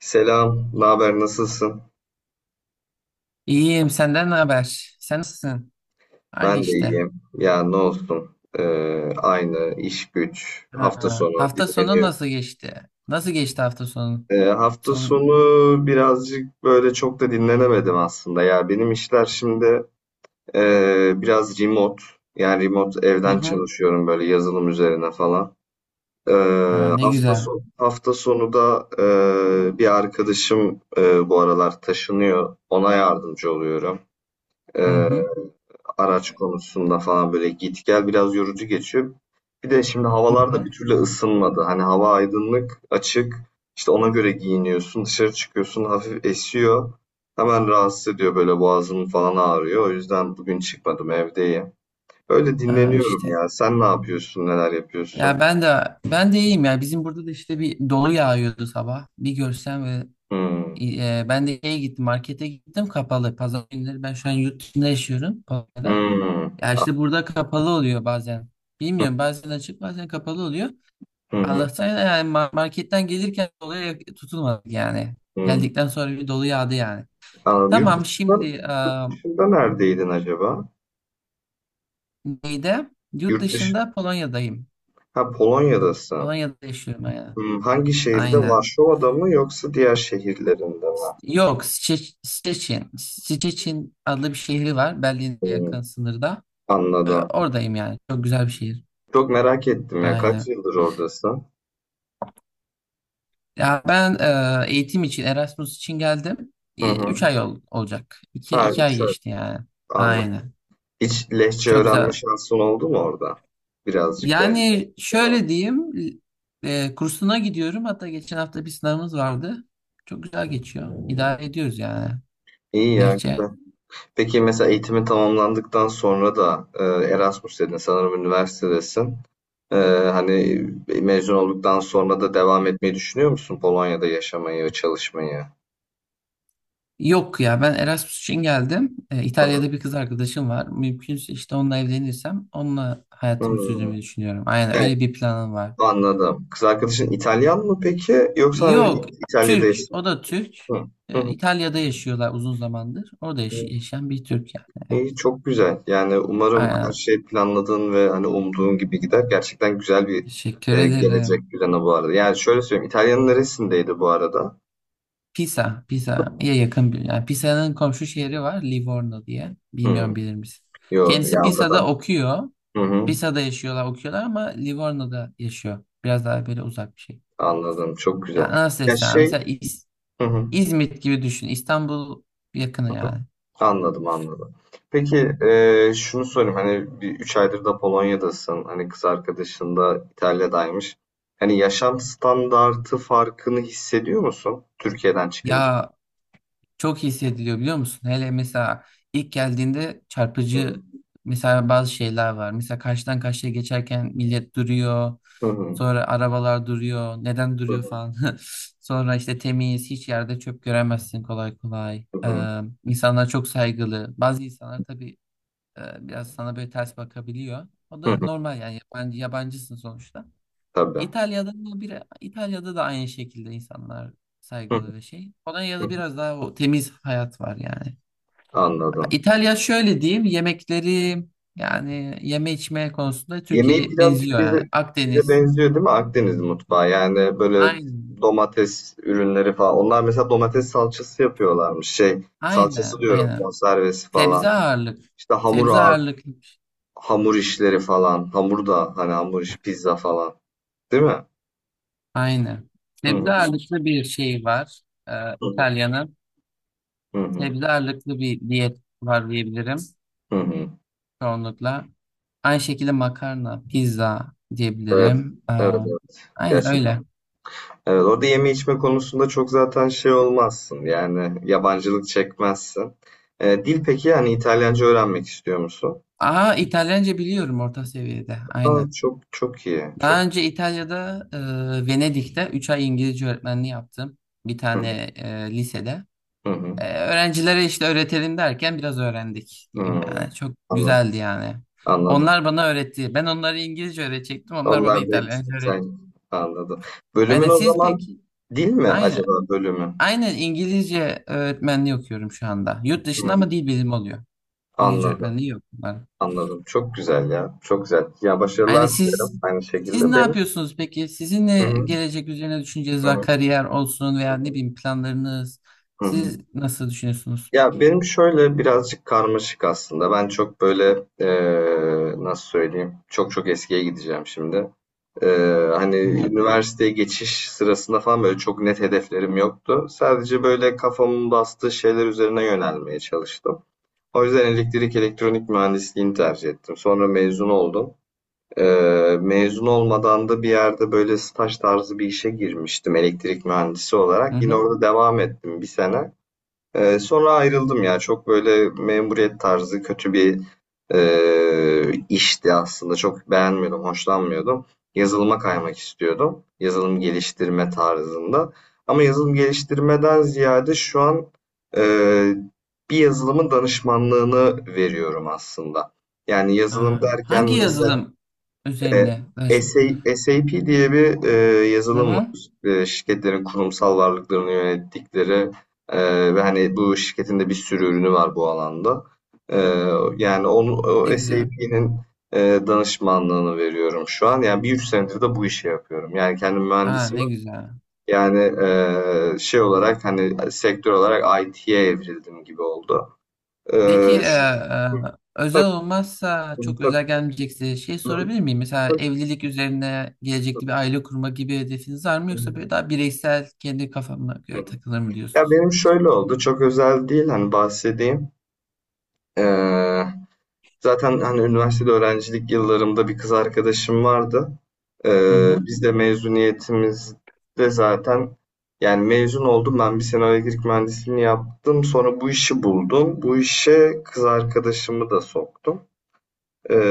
Selam, ne haber, nasılsın? İyiyim, senden ne haber? Sen nasılsın? Ben Aynı de işte. iyiyim. Ya ne olsun, aynı iş güç, hafta Ha. sonu Hafta sonu dinleniyorum. nasıl geçti? Nasıl geçti hafta sonu? Hafta Sonu. sonu birazcık böyle çok da dinlenemedim aslında. Ya benim işler şimdi biraz remote, yani remote Hı evden hı. çalışıyorum böyle yazılım üzerine falan. Ee, Ha, ne hafta güzel. sonu hafta sonu da bir arkadaşım bu aralar taşınıyor, ona yardımcı oluyorum. Hı E, hı. araç konusunda falan böyle git gel biraz yorucu geçiyor. Bir de şimdi Hı havalar da hı. bir türlü ısınmadı. Hani hava aydınlık, açık. İşte ona göre giyiniyorsun, dışarı çıkıyorsun, hafif esiyor. Hemen rahatsız ediyor, böyle boğazım falan ağrıyor. O yüzden bugün çıkmadım, evdeyim. Öyle Ha, dinleniyorum işte. ya. Sen ne yapıyorsun, neler yapıyorsun? Ya ben de iyiyim ya. Bizim burada da işte bir dolu yağıyordu sabah. Bir görsen ve Hmm. e, ben de şeye gittim, markete gittim kapalı. Pazar günleri ben şu an yurt dışında yaşıyorum. Pazarda. Hmm. Ya Ah. işte burada kapalı oluyor bazen. Bilmiyorum bazen açık bazen kapalı oluyor. Hı hı. Allah'tan yani marketten gelirken doluya tutulmadık yani. Hı. Geldikten sonra bir dolu yağdı yani. Anladım. Yurt Tamam şimdi dışında, dışında neredeydin acaba? neyde? Yurt Yurt dışı. dışında Polonya'dayım. Ha, Polonya'dasın. Polonya'da yaşıyorum yani. Hmm, hangi şehirde? Aynen. Varşova'da mı, yoksa diğer şehirlerinde mi? Yok, Szczecin. Szczecin adlı bir şehri var. Berlin'e Hmm, yakın sınırda. Anladım. Oradayım yani. Çok güzel bir şehir. Çok merak ettim ya. Kaç Aynen. yıldır oradasın? Ya ben eğitim için, Erasmus için geldim. Hı hı. 3 ay olacak. İki, Ha, 2 ay 3 ay. geçti yani. Anladım. Aynen. Hiç Lehçe Çok öğrenme güzel. şansın oldu mu orada? Birazcık böyle. Yani şöyle diyeyim, kursuna gidiyorum. Hatta geçen hafta bir sınavımız vardı. Çok güzel geçiyor. İdare ediyoruz yani. İyi ya. Lehçe. Güzel. Peki, mesela eğitimi tamamlandıktan sonra da Erasmus dedin sanırım, üniversitedesin. E, Hani mezun olduktan sonra da devam etmeyi düşünüyor musun Polonya'da yaşamayı ve çalışmayı? Yok ya ben Erasmus için geldim. Hı hı. İtalya'da bir kız arkadaşım var. Mümkünse işte onunla evlenirsem onunla hayatımı sürdürmeyi Hmm. düşünüyorum. Aynen öyle bir planım var. Anladım. Kız arkadaşın İtalyan mı peki? Yoksa hani Yok, İtalya'da Türk. O yaşıyor. da Türk. Hı. Hı hı. İtalya'da yaşıyorlar uzun zamandır. Orada yaşayan bir Türk yani. Evet. İyi, çok güzel. Yani umarım her Aynen. şey planladığın ve hani umduğun gibi gider. Gerçekten güzel bir Teşekkür ederim. gelecek planı bu arada. Yani şöyle söyleyeyim. İtalya'nın neresindeydi bu arada? Pisa, Pisa'ya yakın bir. Yani Pisa'nın komşu şehri var, Livorno diye. Bilmiyorum, Hı. bilir misin? Yo, Kendisi Yavra'da. Pisa'da okuyor. Hı hı. Pisa'da yaşıyorlar, okuyorlar ama Livorno'da yaşıyor. Biraz daha böyle uzak bir şey. Anladım. Çok Ya güzel. nasıl Ya desem? şey, Mesela hı hı. İzmit gibi düşün. İstanbul yakını yani. Anladım, anladım. Peki, şunu sorayım, hani bir 3 aydır da Polonya'dasın, hani kız arkadaşın da İtalya'daymış. Hani yaşam standartı farkını hissediyor musun Türkiye'den çıkınca? Ya çok iyi hissediliyor, biliyor musun? Hele mesela ilk geldiğinde Hı çarpıcı mesela bazı şeyler var. Mesela karşıdan karşıya geçerken millet duruyor. hı, hı Sonra arabalar duruyor. Neden duruyor hı, falan. Sonra işte temiz, hiç yerde çöp göremezsin kolay kolay. hı hı, İnsanlar çok saygılı. Bazı insanlar tabii e, biraz sana böyle ters bakabiliyor. O hı da hı. normal yani, yabancı, yabancısın sonuçta. Tabii. İtalya'da da bir İtalya'da da aynı şekilde insanlar Hı hı, saygılı ve şey. hı. Polonya'da biraz daha o temiz hayat var yani. Anladım. İtalya şöyle diyeyim, yemekleri yani yeme içme konusunda Yemeği Türkiye'ye birazcık benziyor yani. bize Akdeniz. benziyor değil mi Akdeniz mutfağı? Yani böyle Aynen. domates ürünleri falan. Onlar mesela domates salçası yapıyorlarmış. Şey salçası Aynen. diyorum, Aynen. konservesi Sebze falan. ağırlık. İşte hamur Sebze ağır ağırlıklı. Bir şey. Hamur işleri falan, hamur da hani hamur iş, pizza falan, değil mi? Aynen. Hı hı. Sebze ağırlıklı bir şey var. Ee, Hı hı. İtalya'nın. Hı hı. Sebze ağırlıklı bir diyet var diyebilirim Hı hı. çoğunlukla. Aynı şekilde makarna, pizza Evet. diyebilirim. Ee, Evet, evet. aynen Gerçekten. öyle. Evet, orada yeme içme konusunda çok zaten şey olmazsın. Yani yabancılık çekmezsin. Dil peki, yani İtalyanca öğrenmek istiyor musun? Aa, İtalyanca biliyorum orta seviyede. Aa, Aynen. çok çok iyi. Daha Çok. önce İtalya'da, Venedik'te 3 ay İngilizce öğretmenliği yaptım. Bir Hı tane lisede. hı. Hı. Öğrencilere işte öğretelim derken biraz öğrendik diyeyim Hmm. yani. Çok Anladım. güzeldi yani. Anladım. Onlar bana öğretti. Ben onlara İngilizce öğretecektim. Onlar bana Onlar da İtalyanca öğretti. İtalyan. Anladım. Bölümün Aynen, o siz zaman peki? dil mi Aynen. acaba bölümü? Aynen İngilizce öğretmenliği okuyorum şu anda. Yurt dışında Hı. ama dil bilimi oluyor. İngilizce Anladım. öğretmenliği yok bunların. Anladım. Çok güzel ya. Çok güzel. Ya Yani başarılar dilerim siz aynı siz şekilde. ne Benim. yapıyorsunuz peki? Sizin ne Hı hı, gelecek üzerine düşünceniz hı var? hı, Kariyer olsun hı veya ne hı. bileyim planlarınız. Siz nasıl düşünüyorsunuz? Ya benim şöyle birazcık karmaşık aslında. Ben çok böyle nasıl söyleyeyim? Çok çok eskiye gideceğim şimdi. Hani Hı hı, üniversiteye geçiş sırasında falan böyle çok net hedeflerim yoktu. Sadece böyle kafamın bastığı şeyler üzerine yönelmeye çalıştım. O yüzden elektrik elektronik mühendisliğini tercih ettim. Sonra mezun oldum. Mezun olmadan da bir yerde böyle staj tarzı bir işe girmiştim elektrik mühendisi hı olarak. Yine hı. orada devam ettim bir sene. Sonra ayrıldım ya. Çok böyle memuriyet tarzı kötü bir işti aslında. Çok beğenmiyordum, hoşlanmıyordum. Yazılıma kaymak istiyordum. Yazılım geliştirme tarzında. Ama yazılım geliştirmeden ziyade şu an e, bir yazılımın danışmanlığını veriyorum aslında. Yani yazılım Aa, derken hangi mesela yazılım üzerine? e, SA SAP diye bir Hı yazılım hı. var. Şirketlerin kurumsal varlıklarını yönettikleri ve hani bu şirketin de bir sürü ürünü var bu alanda. E, Yani onu, Ne o güzel. SAP'nin e, danışmanlığını veriyorum şu an. Yani bir 3 senedir de bu işi yapıyorum. Yani kendim Aa, mühendisim. ne güzel. Yani şey olarak, hani sektör olarak IT'ye evrildim gibi oldu. E, Peki şu- özel tabii, olmazsa, çok özel gelmeyecekse şey tabii, sorabilir miyim? Mesela evlilik üzerine, gelecekte bir aile kurma gibi hedefiniz var mı, yoksa tabii. böyle daha bireysel kendi kafama göre takılır mı Ya diyorsunuz? benim şöyle oldu, çok özel değil, hani bahsedeyim. Ee, Zaten hani üniversitede öğrencilik yıllarımda bir kız arkadaşım vardı. Hı hı. Biz de mezuniyetimizde zaten, yani mezun oldum, ben bir sene elektrik mühendisliğini yaptım. Sonra bu işi buldum. Bu işe kız arkadaşımı da soktum.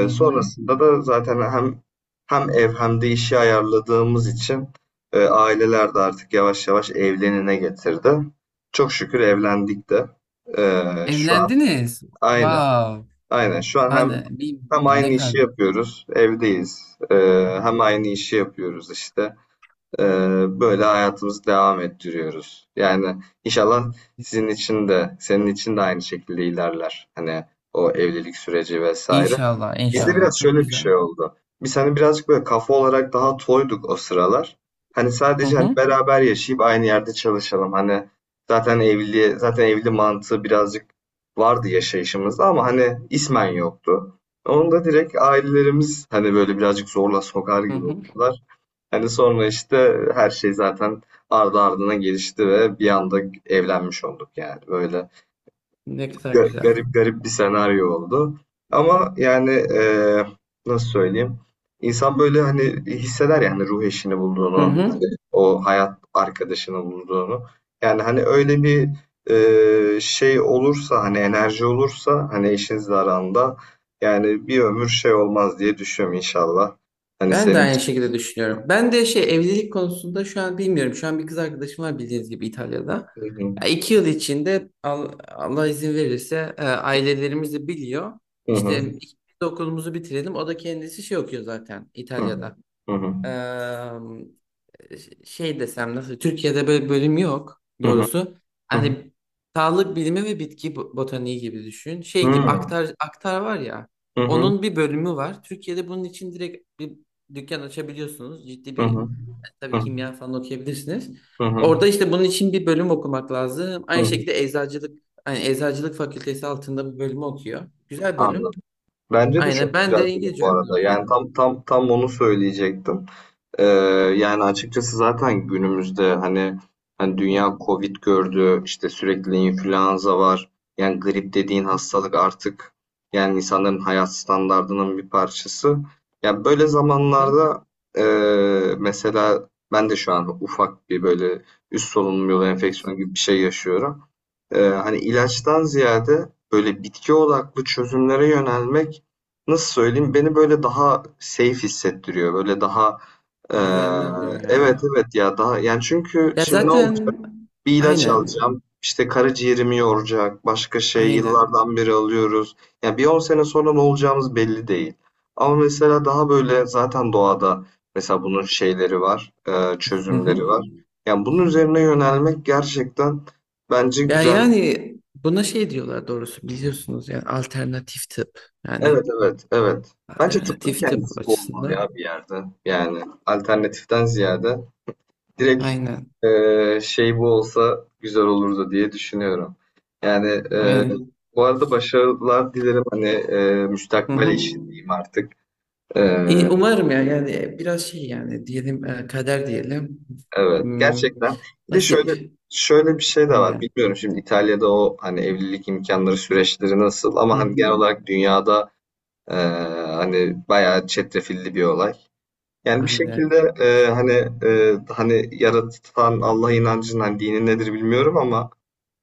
Hı hı. Sonrasında da zaten hem ev hem de işi ayarladığımız için aileler de artık yavaş yavaş evlenine getirdi. Çok şükür evlendik de. Şu an, Evlendiniz. aynen, Wow. aynen, şu an hem Yani hem ne aynı kadar işi güzel. yapıyoruz, evdeyiz. Ee, Yani Hem aynı işi yapıyoruz işte. Ee, Böyle hayatımızı devam ettiriyoruz. Yani inşallah sizin için de, senin için de aynı şekilde ilerler. Hani o evlilik süreci vesaire. İnşallah, Bizde inşallah. biraz Çok şöyle bir güzel. şey oldu. Biz hani birazcık böyle kafa olarak daha toyduk o sıralar. Hani Hı sadece, hani hı. beraber yaşayıp aynı yerde çalışalım. Hani zaten evli mantığı birazcık vardı yaşayışımızda ama hani ismen yoktu. Onu da direkt ailelerimiz hani böyle birazcık zorla sokar Hı gibi hı. oldular. Hani sonra işte her şey zaten ardı ardına gelişti ve bir anda evlenmiş olduk yani. Böyle Ne kadar güzel. garip garip bir senaryo oldu. Ama yani nasıl söyleyeyim? İnsan böyle hani hisseder yani, ruh eşini Hı bulduğunu, hani hı. o hayat arkadaşını bulduğunu. Yani hani öyle bir şey olursa, hani enerji olursa hani eşinizle aranda, yani bir ömür şey olmaz diye düşünüyorum inşallah. Hani Ben de senin. aynı şekilde düşünüyorum. Ben de şey, evlilik konusunda şu an bilmiyorum. Şu an bir kız arkadaşım var, bildiğiniz gibi İtalya'da. Hı hı. Ya 2 yıl içinde Allah izin verirse, ailelerimiz de biliyor. Hı hı. İşte ikimiz de okulumuzu bitirelim. O da kendisi şey okuyor zaten Hı hı. İtalya'da. Hı hı. Şey desem nasıl, Türkiye'de böyle bölüm yok doğrusu. Hı hı. Hani sağlık bilimi ve bitki botaniği gibi düşün. Şey gibi, Hıı. aktar aktar var ya. Hı hı. Onun bir bölümü var. Türkiye'de bunun için direkt bir dükkan açabiliyorsunuz. Ciddi Hı bir, hı. tabii Hı. kimya falan okuyabilirsiniz. Hı hı. Orada işte bunun için bir bölüm okumak lazım. Hı Aynı hı. şekilde eczacılık, hani eczacılık fakültesi altında bir bölümü okuyor. Güzel bölüm. Anladım. Bence de çok Aynen, ben güzel de film İngilizce bu öğretmen arada. Yani okuyorum. tam tam tam onu söyleyecektim. Ee, Yani açıkçası zaten günümüzde hani Hı dünya Covid gördü, işte sürekli influenza var. Yani grip dediğin hı hastalık artık yani insanların hayat standardının bir parçası. Ya böyle hı. zamanlarda e, mesela ben de şu an ufak bir böyle üst solunum yolu Evet. enfeksiyonu gibi bir şey yaşıyorum. Hani ilaçtan ziyade böyle bitki odaklı çözümlere yönelmek, nasıl söyleyeyim, beni böyle daha safe hissettiriyor. Böyle daha ee, Güvenli oluyor yani. evet, evet ya, daha yani, çünkü Ya şimdi ne olacak? zaten, Bir ilaç aynen. alacağım. İşte karaciğerimi yoracak. Başka şey Aynen. yıllardan beri alıyoruz. Yani bir 10 sene sonra ne olacağımız belli değil. Ama mesela daha böyle zaten doğada mesela bunun şeyleri var. Hı hı. Çözümleri var. Yani bunun üzerine yönelmek gerçekten bence Ya güzel. yani buna şey diyorlar doğrusu, biliyorsunuz, yani alternatif tıp. Yani Evet, evet, evet. Bence tıbbın alternatif tıp kendisi bu olmalı açısından. ya bir yerde. Yani alternatiften ziyade. Direkt, Aynen. Şey bu olsa güzel olurdu diye düşünüyorum. Yani Aynen. bu arada başarılar dilerim hani Hı müstakbel hı. işin diyeyim artık. İyi, Eee, umarım ya, yani biraz şey yani diyelim, kader diyelim. evet, Hmm, gerçekten. Bir de şöyle nasip. şöyle bir şey de var. Aynen. Bilmiyorum şimdi İtalya'da o hani evlilik imkanları süreçleri nasıl Hı ama hani hı. genel olarak dünyada eee, hani bayağı çetrefilli bir olay. Yani bir Aynen. şekilde hani hani yaratan Allah inancının hani dini nedir bilmiyorum ama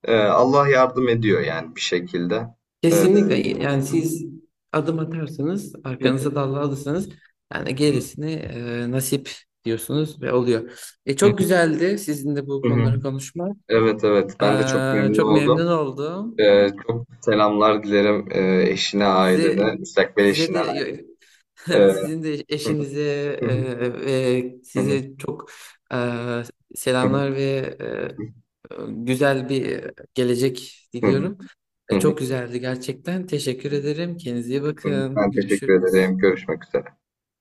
Allah yardım ediyor yani bir şekilde. Ee, Kesinlikle, yani siz adım atarsanız, Hı arkanıza dal alırsanız yani gerisini nasip diyorsunuz ve oluyor. Çok güzeldi sizinle bu hı. konuları konuşmak. Evet, evet, ben de çok memnun Çok oldum. memnun oldum. Çok selamlar dilerim eşine, Size ailene, müstakbel size eşine. de Ee, sizin de hı. eşinize, Hı hı. Ve Hı size çok e, selamlar ve güzel bir gelecek hı. diliyorum. Hı hı. Çok güzeldi gerçekten. Teşekkür ederim. Kendinize iyi bakın. Ben teşekkür Görüşürüz. ederim. Görüşmek üzere.